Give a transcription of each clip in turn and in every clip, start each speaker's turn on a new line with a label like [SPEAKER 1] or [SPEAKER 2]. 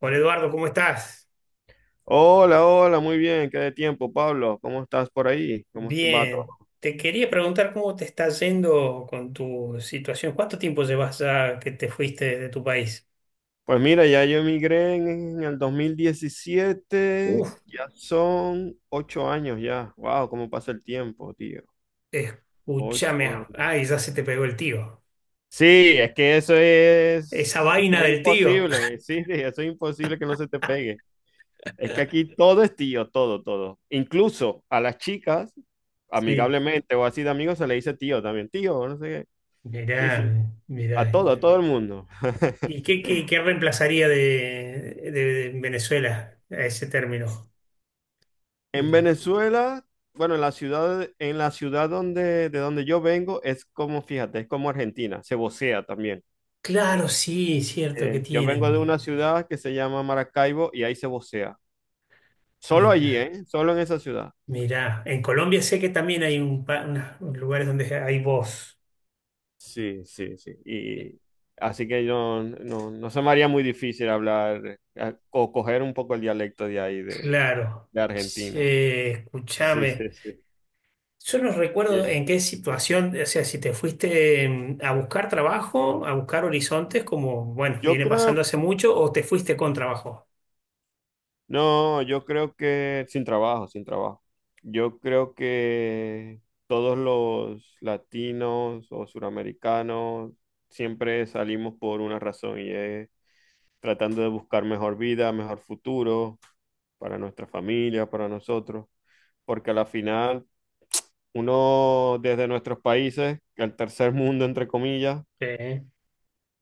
[SPEAKER 1] Hola Eduardo, ¿cómo estás?
[SPEAKER 2] Hola, hola, muy bien, qué de tiempo, Pablo. ¿Cómo estás por ahí? Va todo?
[SPEAKER 1] Bien, te quería preguntar cómo te está yendo con tu situación. ¿Cuánto tiempo llevas ya que te fuiste de tu país?
[SPEAKER 2] Pues mira, ya yo emigré en el dos mil diecisiete.
[SPEAKER 1] Uf,
[SPEAKER 2] Ya son ocho años ya. Wow, cómo pasa el tiempo, tío. Ocho
[SPEAKER 1] escúchame.
[SPEAKER 2] años.
[SPEAKER 1] Ay, ya se te pegó el tío.
[SPEAKER 2] Sí, es que
[SPEAKER 1] Esa
[SPEAKER 2] eso
[SPEAKER 1] vaina
[SPEAKER 2] es
[SPEAKER 1] del tío.
[SPEAKER 2] imposible. Sí, sí, eso es imposible que no se te pegue. Es que aquí todo es tío, todo, todo. Incluso a las chicas,
[SPEAKER 1] Sí.
[SPEAKER 2] amigablemente o así de amigos, se le dice tío también. Tío, no sé qué. Sí, sí.
[SPEAKER 1] Mirá, mirá. ¿Y
[SPEAKER 2] A todo el mundo.
[SPEAKER 1] qué reemplazaría de Venezuela a ese término?
[SPEAKER 2] En
[SPEAKER 1] El-
[SPEAKER 2] Venezuela, bueno, en la ciudad de donde yo vengo, es como, fíjate, es como Argentina, se vocea también.
[SPEAKER 1] Claro, sí, cierto que
[SPEAKER 2] Yo vengo de
[SPEAKER 1] tienen.
[SPEAKER 2] una ciudad que se llama Maracaibo y ahí se vocea. Solo allí,
[SPEAKER 1] Mira.
[SPEAKER 2] ¿eh? Solo en esa ciudad.
[SPEAKER 1] Mirá, en Colombia sé que también hay un pa- unas- lugares donde hay voz.
[SPEAKER 2] Sí, sí, sí.
[SPEAKER 1] Eh,
[SPEAKER 2] Y así que no, no, no se me haría muy difícil hablar o coger un poco el dialecto de
[SPEAKER 1] Claro.
[SPEAKER 2] de Argentina.
[SPEAKER 1] Che,
[SPEAKER 2] Sí, sí,
[SPEAKER 1] escúchame.
[SPEAKER 2] sí.
[SPEAKER 1] Yo no recuerdo
[SPEAKER 2] Bien.
[SPEAKER 1] en qué situación, o sea, si te fuiste a buscar trabajo, a buscar horizontes, como, bueno,
[SPEAKER 2] Yo
[SPEAKER 1] viene pasando
[SPEAKER 2] creo
[SPEAKER 1] hace mucho, o te fuiste con trabajo.
[SPEAKER 2] No, yo creo que sin trabajo, sin trabajo. Yo creo que todos los latinos o suramericanos siempre salimos por una razón y es tratando de buscar mejor vida, mejor futuro para nuestra familia, para nosotros, porque a la final uno desde nuestros países, el tercer mundo entre comillas,
[SPEAKER 1] Sí,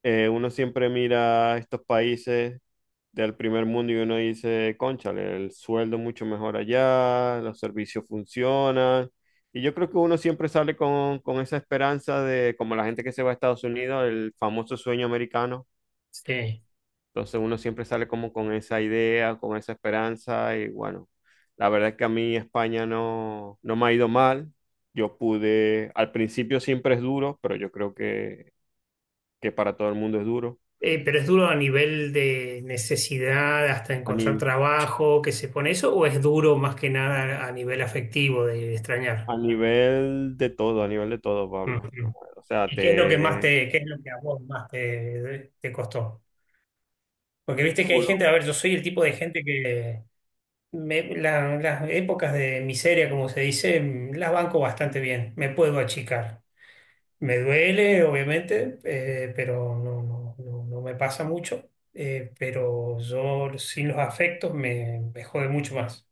[SPEAKER 2] uno siempre mira estos países del primer mundo y uno dice, cónchale, el sueldo es mucho mejor allá, los servicios funcionan. Y yo creo que uno siempre sale con esa esperanza de, como la gente que se va a Estados Unidos, el famoso sueño americano.
[SPEAKER 1] sí.
[SPEAKER 2] Entonces uno siempre sale como con esa idea, con esa esperanza y bueno, la verdad es que a mí España no, no me ha ido mal. Yo pude, al principio siempre es duro, pero yo creo que para todo el mundo es duro.
[SPEAKER 1] Pero es duro a nivel de necesidad hasta
[SPEAKER 2] A
[SPEAKER 1] encontrar
[SPEAKER 2] ni-
[SPEAKER 1] trabajo, que se pone eso, o es duro más que nada a nivel afectivo de extrañar.
[SPEAKER 2] A nivel de todo, a nivel de todo, Pablo. O sea,
[SPEAKER 1] ¿Y qué es lo que más
[SPEAKER 2] te...
[SPEAKER 1] te, qué es lo que a vos más te, te costó? Porque viste que hay gente,
[SPEAKER 2] full.
[SPEAKER 1] a ver, yo soy el tipo de gente que me- la- las épocas de miseria, como se dice, las banco bastante bien, me puedo achicar. Me duele, obviamente, pero no, no, no, no me pasa mucho, pero yo sin los afectos me, me jode mucho más.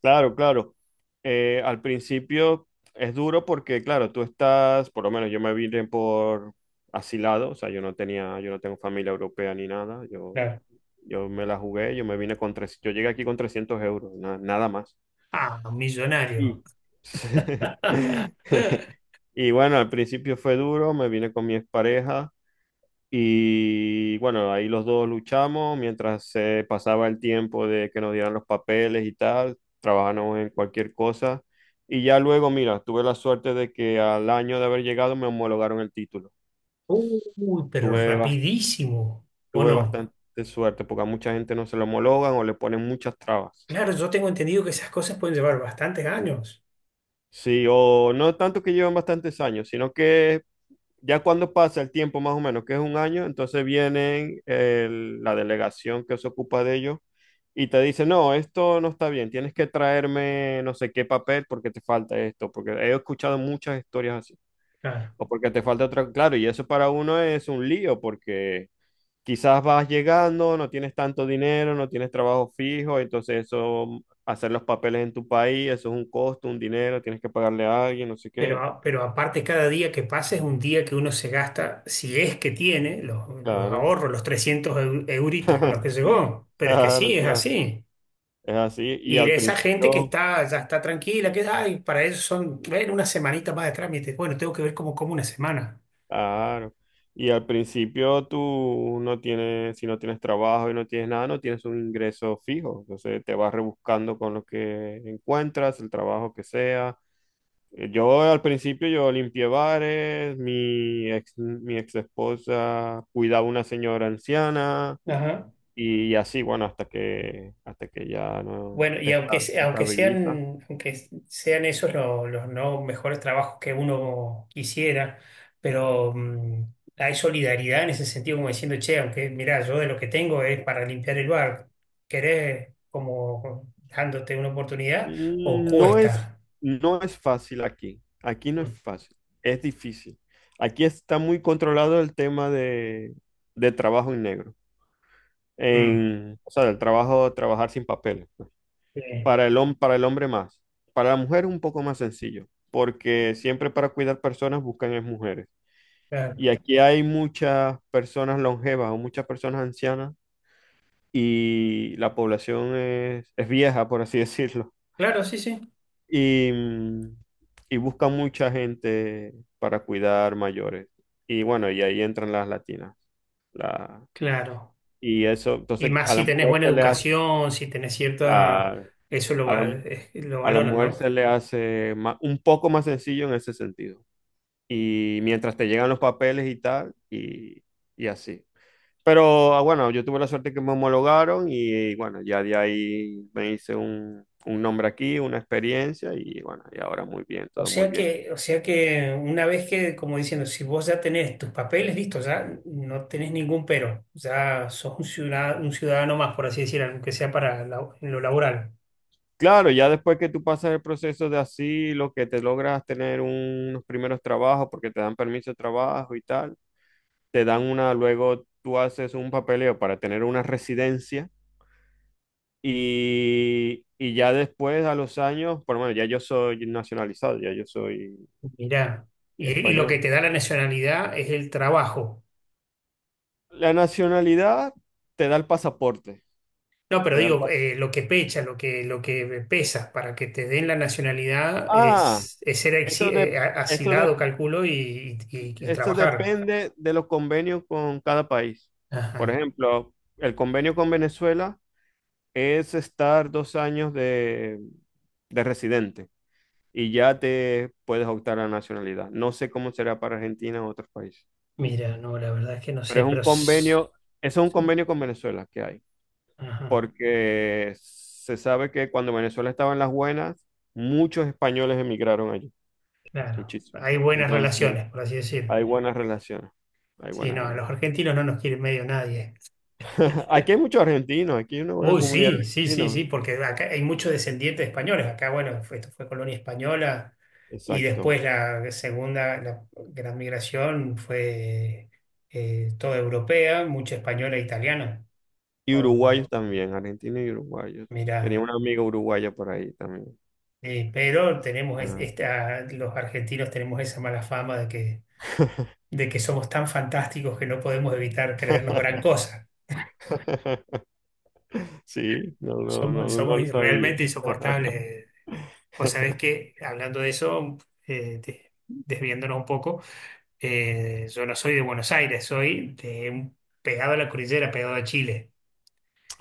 [SPEAKER 2] Claro, claro. Al principio es duro porque, claro, tú estás, por lo menos yo me vine por asilado, o sea, yo no tenía, yo no tengo familia europea ni nada, yo,
[SPEAKER 1] Claro.
[SPEAKER 2] yo me la jugué, yo me vine con tres, yo llegué aquí con 300 euros, nada más.
[SPEAKER 1] Ah, millonario.
[SPEAKER 2] Y... Y bueno, al principio fue duro, me vine con mi expareja. Y bueno, ahí los dos luchamos mientras se pasaba el tiempo de que nos dieran los papeles y tal, trabajamos en cualquier cosa. Y ya luego, mira, tuve la suerte de que al año de haber llegado me homologaron el título.
[SPEAKER 1] Uy, pero
[SPEAKER 2] Tuve, bas-
[SPEAKER 1] rapidísimo, ¿o
[SPEAKER 2] Tuve
[SPEAKER 1] no?
[SPEAKER 2] bastante suerte porque a mucha gente no se lo homologan o le ponen muchas trabas.
[SPEAKER 1] Claro, yo tengo entendido que esas cosas pueden llevar bastantes años.
[SPEAKER 2] Sí, o no tanto que llevan bastantes años, sino que ya cuando pasa el tiempo más o menos, que es un año, entonces la delegación que se ocupa de ellos y te dice, no, esto no está bien, tienes que traerme no sé qué papel porque te falta esto, porque he escuchado muchas historias así,
[SPEAKER 1] Claro.
[SPEAKER 2] o porque te falta otra, claro, y eso para uno es un lío porque quizás vas llegando, no tienes tanto dinero, no tienes trabajo fijo, entonces eso, hacer los papeles en tu país, eso es un costo, un dinero, tienes que pagarle a alguien, no sé
[SPEAKER 1] Pero,
[SPEAKER 2] qué,
[SPEAKER 1] a- pero aparte, cada día que pasa es un día que uno se gasta, si es que tiene, los
[SPEAKER 2] claro,
[SPEAKER 1] ahorros, los 300 eu- euritos con los que llegó. Pero es que
[SPEAKER 2] claro,
[SPEAKER 1] sí, es
[SPEAKER 2] claro.
[SPEAKER 1] así.
[SPEAKER 2] Es así, y
[SPEAKER 1] Y
[SPEAKER 2] al
[SPEAKER 1] esa gente que
[SPEAKER 2] principio,
[SPEAKER 1] está, ya está tranquila, que ay, para eso son, bueno, una semanita más de trámite. Bueno, tengo que ver cómo como una semana.
[SPEAKER 2] claro, y al principio tú no tienes, si no tienes trabajo y no tienes nada, no tienes un ingreso fijo, entonces te vas rebuscando con lo que encuentras, el trabajo que sea. Yo al principio yo limpié bares, mi ex esposa cuidaba una señora anciana
[SPEAKER 1] Ajá.
[SPEAKER 2] y así, bueno, hasta que, ya no
[SPEAKER 1] Bueno,
[SPEAKER 2] te
[SPEAKER 1] y aunque, se-
[SPEAKER 2] te estabilizas.
[SPEAKER 1] aunque sean esos lo- los, no mejores trabajos que uno quisiera, pero hay solidaridad en ese sentido, como diciendo, che, aunque mirá, yo de lo que tengo es para limpiar el bar, ¿querés como dándote una oportunidad o
[SPEAKER 2] No es,
[SPEAKER 1] cuesta?
[SPEAKER 2] no es fácil aquí. Aquí no es
[SPEAKER 1] Mm,
[SPEAKER 2] fácil. Es difícil. Aquí está muy controlado el tema de trabajo en negro.
[SPEAKER 1] mm,
[SPEAKER 2] En, o sea, del trabajo, trabajar sin papeles, pues.
[SPEAKER 1] sí,
[SPEAKER 2] Para el hombre más. Para la mujer es un poco más sencillo, porque siempre para cuidar personas buscan es mujeres.
[SPEAKER 1] claro.
[SPEAKER 2] Y aquí hay muchas personas longevas o muchas personas ancianas y la población es vieja, por así decirlo.
[SPEAKER 1] Claro, sí, sí,
[SPEAKER 2] Y y buscan mucha gente para cuidar mayores. Y bueno, y ahí entran las latinas. La,
[SPEAKER 1] claro.
[SPEAKER 2] y eso,
[SPEAKER 1] Y
[SPEAKER 2] entonces
[SPEAKER 1] más
[SPEAKER 2] a
[SPEAKER 1] si
[SPEAKER 2] la
[SPEAKER 1] tenés
[SPEAKER 2] mujer
[SPEAKER 1] buena
[SPEAKER 2] se le
[SPEAKER 1] educación, si tenés cierta,
[SPEAKER 2] la-
[SPEAKER 1] eso lo,
[SPEAKER 2] a
[SPEAKER 1] va-
[SPEAKER 2] la,
[SPEAKER 1] lo
[SPEAKER 2] a la
[SPEAKER 1] valoran,
[SPEAKER 2] mujer
[SPEAKER 1] ¿no?
[SPEAKER 2] se le un poco más sencillo en ese sentido. Y mientras te llegan los papeles y tal, y así. Pero bueno, yo tuve la suerte que me homologaron y bueno, ya de ahí me hice un nombre aquí, una experiencia y bueno, y ahora muy bien, todo muy bien.
[SPEAKER 1] O sea que una vez que, como diciendo, si vos ya tenés tus papeles listos, ya no tenés ningún pero, ya sos un ciudadano más, por así decirlo, aunque sea para la- en lo laboral.
[SPEAKER 2] Claro, ya después que tú pasas el proceso de asilo, que te logras tener unos primeros trabajos porque te dan permiso de trabajo y tal, te dan una, luego tú haces un papeleo para tener una residencia y ya después a los años, por lo menos ya yo soy nacionalizado, ya yo soy
[SPEAKER 1] Mirá. Y lo que
[SPEAKER 2] español.
[SPEAKER 1] te da la nacionalidad es el trabajo.
[SPEAKER 2] La nacionalidad te da el pasaporte,
[SPEAKER 1] No, pero
[SPEAKER 2] te da el
[SPEAKER 1] digo,
[SPEAKER 2] pasaporte.
[SPEAKER 1] lo que pecha, lo que pesa para que te den la nacionalidad
[SPEAKER 2] Ah,
[SPEAKER 1] es ser
[SPEAKER 2] eso
[SPEAKER 1] exi-
[SPEAKER 2] de,
[SPEAKER 1] a-
[SPEAKER 2] eso de,
[SPEAKER 1] asilado, calculo, y
[SPEAKER 2] eso
[SPEAKER 1] trabajar.
[SPEAKER 2] depende de los convenios con cada país. Por
[SPEAKER 1] Ajá.
[SPEAKER 2] ejemplo, el convenio con Venezuela es estar dos años de residente y ya te puedes optar a la nacionalidad. No sé cómo será para Argentina o otros países,
[SPEAKER 1] Mira, no, la verdad es que no
[SPEAKER 2] pero
[SPEAKER 1] sé,
[SPEAKER 2] es un
[SPEAKER 1] pero... s-
[SPEAKER 2] convenio, eso es un
[SPEAKER 1] Sí.
[SPEAKER 2] convenio con Venezuela que hay,
[SPEAKER 1] Ajá.
[SPEAKER 2] porque se sabe que cuando Venezuela estaba en las buenas, muchos españoles emigraron allí,
[SPEAKER 1] Claro,
[SPEAKER 2] muchísimo.
[SPEAKER 1] hay buenas
[SPEAKER 2] Entonces,
[SPEAKER 1] relaciones, por así decirlo.
[SPEAKER 2] hay buenas relaciones, hay
[SPEAKER 1] Sí,
[SPEAKER 2] buenas
[SPEAKER 1] no, a los
[SPEAKER 2] relaciones.
[SPEAKER 1] argentinos no nos quiere medio nadie.
[SPEAKER 2] Aquí hay muchos argentinos, aquí hay una buena
[SPEAKER 1] Uy,
[SPEAKER 2] comunidad
[SPEAKER 1] sí, sí,
[SPEAKER 2] de
[SPEAKER 1] sí, sí,
[SPEAKER 2] argentinos.
[SPEAKER 1] porque acá hay muchos descendientes de españoles. Acá, bueno, fue- esto fue colonia española y
[SPEAKER 2] Exacto.
[SPEAKER 1] después la segunda, la gran migración fue toda europea, mucha española e italiana.
[SPEAKER 2] Y
[SPEAKER 1] Oh,
[SPEAKER 2] uruguayos también, argentinos y uruguayos. Tenía
[SPEAKER 1] mirá.
[SPEAKER 2] una amiga uruguaya por ahí también.
[SPEAKER 1] Pero tenemos es-
[SPEAKER 2] Ah.
[SPEAKER 1] esta, los argentinos tenemos esa mala fama de que somos tan fantásticos que no podemos evitar creernos gran cosa.
[SPEAKER 2] Sí, no, no, no,
[SPEAKER 1] Somos,
[SPEAKER 2] no,
[SPEAKER 1] somos
[SPEAKER 2] no lo sabía.
[SPEAKER 1] realmente insoportables. Vos sabés que, hablando de eso, de- desviándonos un poco, yo no soy de Buenos Aires, soy de un- pegado a la cordillera, pegado a Chile.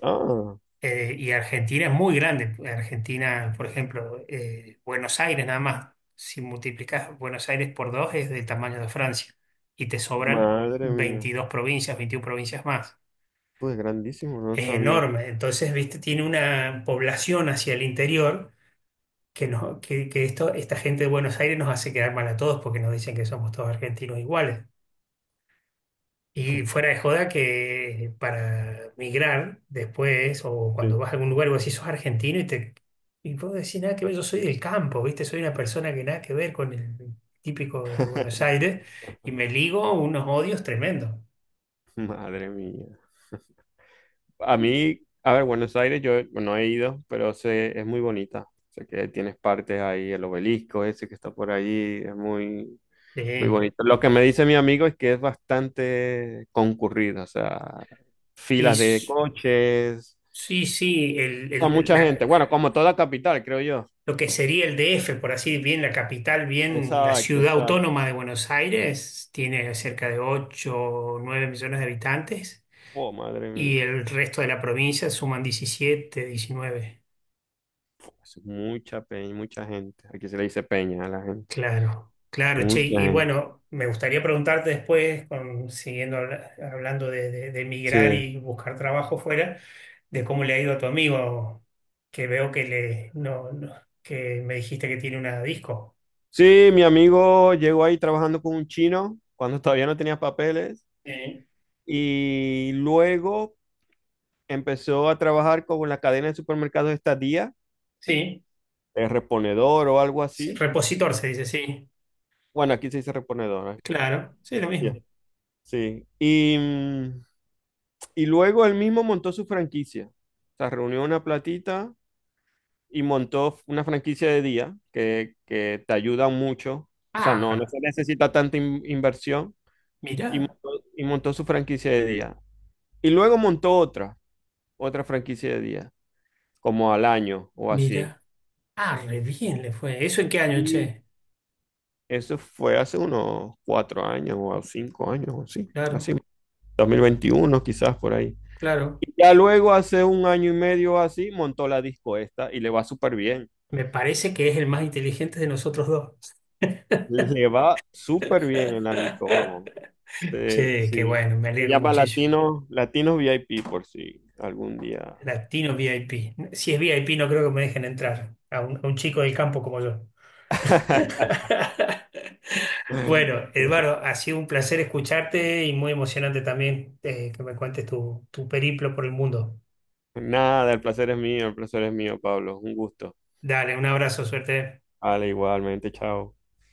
[SPEAKER 2] Ah,
[SPEAKER 1] Y Argentina es muy grande. Argentina, por ejemplo, Buenos Aires nada más, si multiplicas Buenos Aires por dos es del tamaño de Francia y te sobran
[SPEAKER 2] madre mía.
[SPEAKER 1] 22 provincias, 21 provincias más.
[SPEAKER 2] Pues grandísimo, no lo
[SPEAKER 1] Es
[SPEAKER 2] sabía.
[SPEAKER 1] enorme. Entonces, viste, tiene una población hacia el interior que, nos- que esto, esta gente de Buenos Aires nos hace quedar mal a todos porque nos dicen que somos todos argentinos iguales. Y fuera de joda que para migrar después o cuando
[SPEAKER 2] Sí.
[SPEAKER 1] vas a algún lugar, vos decís, sos argentino y te... Y vos decís, nada que ver, yo soy del campo, ¿viste? Soy una persona que nada que ver con el típico de Buenos Aires y me ligo unos odios tremendos.
[SPEAKER 2] Madre mía. A mí, a ver, Buenos Aires yo no he ido, pero sé, es muy bonita. Sé que tienes partes ahí, el obelisco ese que está por ahí, es muy, muy
[SPEAKER 1] Sí.
[SPEAKER 2] bonito. Lo que me dice mi amigo es que es bastante concurrido, o sea,
[SPEAKER 1] Y
[SPEAKER 2] filas de
[SPEAKER 1] s-
[SPEAKER 2] coches,
[SPEAKER 1] sí, sí,
[SPEAKER 2] con
[SPEAKER 1] el-
[SPEAKER 2] mucha gente.
[SPEAKER 1] la-
[SPEAKER 2] Bueno, como toda capital, creo yo.
[SPEAKER 1] lo que sería el DF, por así bien la capital, bien la
[SPEAKER 2] Exacto,
[SPEAKER 1] ciudad
[SPEAKER 2] exacto.
[SPEAKER 1] autónoma de Buenos Aires, tiene cerca de 8 o 9 millones de habitantes
[SPEAKER 2] Oh, madre mía.
[SPEAKER 1] y el resto de la provincia suman 17 diecinueve.
[SPEAKER 2] Es mucha peña, mucha gente. Aquí se le dice peña a la gente.
[SPEAKER 1] Claro, claro, che.
[SPEAKER 2] Mucha
[SPEAKER 1] Y
[SPEAKER 2] gente.
[SPEAKER 1] bueno, me gustaría preguntarte después, con- siguiendo habla- hablando de emigrar
[SPEAKER 2] Sí.
[SPEAKER 1] y buscar trabajo fuera, de cómo le ha ido a tu amigo, que veo que le, no, no- que me dijiste que tiene una disco.
[SPEAKER 2] Sí, mi amigo llegó ahí trabajando con un chino cuando todavía no tenía papeles
[SPEAKER 1] Sí.
[SPEAKER 2] y luego empezó a trabajar con la cadena de supermercados esta día,
[SPEAKER 1] Sí.
[SPEAKER 2] el reponedor o algo
[SPEAKER 1] Sí,
[SPEAKER 2] así.
[SPEAKER 1] repositor se dice, sí.
[SPEAKER 2] Bueno, aquí se dice reponedora.
[SPEAKER 1] Claro, sí, lo
[SPEAKER 2] Ya,
[SPEAKER 1] mismo.
[SPEAKER 2] sí. Y y luego él mismo montó su franquicia. O sea, reunió una platita y montó una franquicia de día que te ayuda mucho. O sea, no, no
[SPEAKER 1] Ah,
[SPEAKER 2] se necesita tanta inversión. Y
[SPEAKER 1] mirá,
[SPEAKER 2] y montó su franquicia de día. Y luego montó otra, otra franquicia de día, como al año o así.
[SPEAKER 1] mirá. Ah, re bien le fue. ¿Eso en qué año,
[SPEAKER 2] Y
[SPEAKER 1] che?
[SPEAKER 2] eso fue hace unos cuatro años o cinco años o así.
[SPEAKER 1] Claro,
[SPEAKER 2] Así, 2021 quizás por ahí.
[SPEAKER 1] claro.
[SPEAKER 2] Y ya luego, hace un año y medio así, montó la disco esta y le va súper bien.
[SPEAKER 1] Me parece que es el más inteligente de nosotros dos.
[SPEAKER 2] Le va súper bien en la disco, vamos. Sí,
[SPEAKER 1] Che, qué
[SPEAKER 2] sí.
[SPEAKER 1] bueno, me
[SPEAKER 2] Se
[SPEAKER 1] alegro
[SPEAKER 2] llama
[SPEAKER 1] muchísimo.
[SPEAKER 2] Latino, Latino VIP por si algún día.
[SPEAKER 1] Latino VIP. Si es VIP, no creo que me dejen entrar a un chico del campo como yo. Bueno, Eduardo, ha sido un placer escucharte y muy emocionante también que me cuentes tu, tu periplo por el mundo.
[SPEAKER 2] Nada, el placer es mío, el placer es mío, Pablo. Un gusto.
[SPEAKER 1] Dale, un abrazo, suerte.
[SPEAKER 2] Vale, igualmente, chao.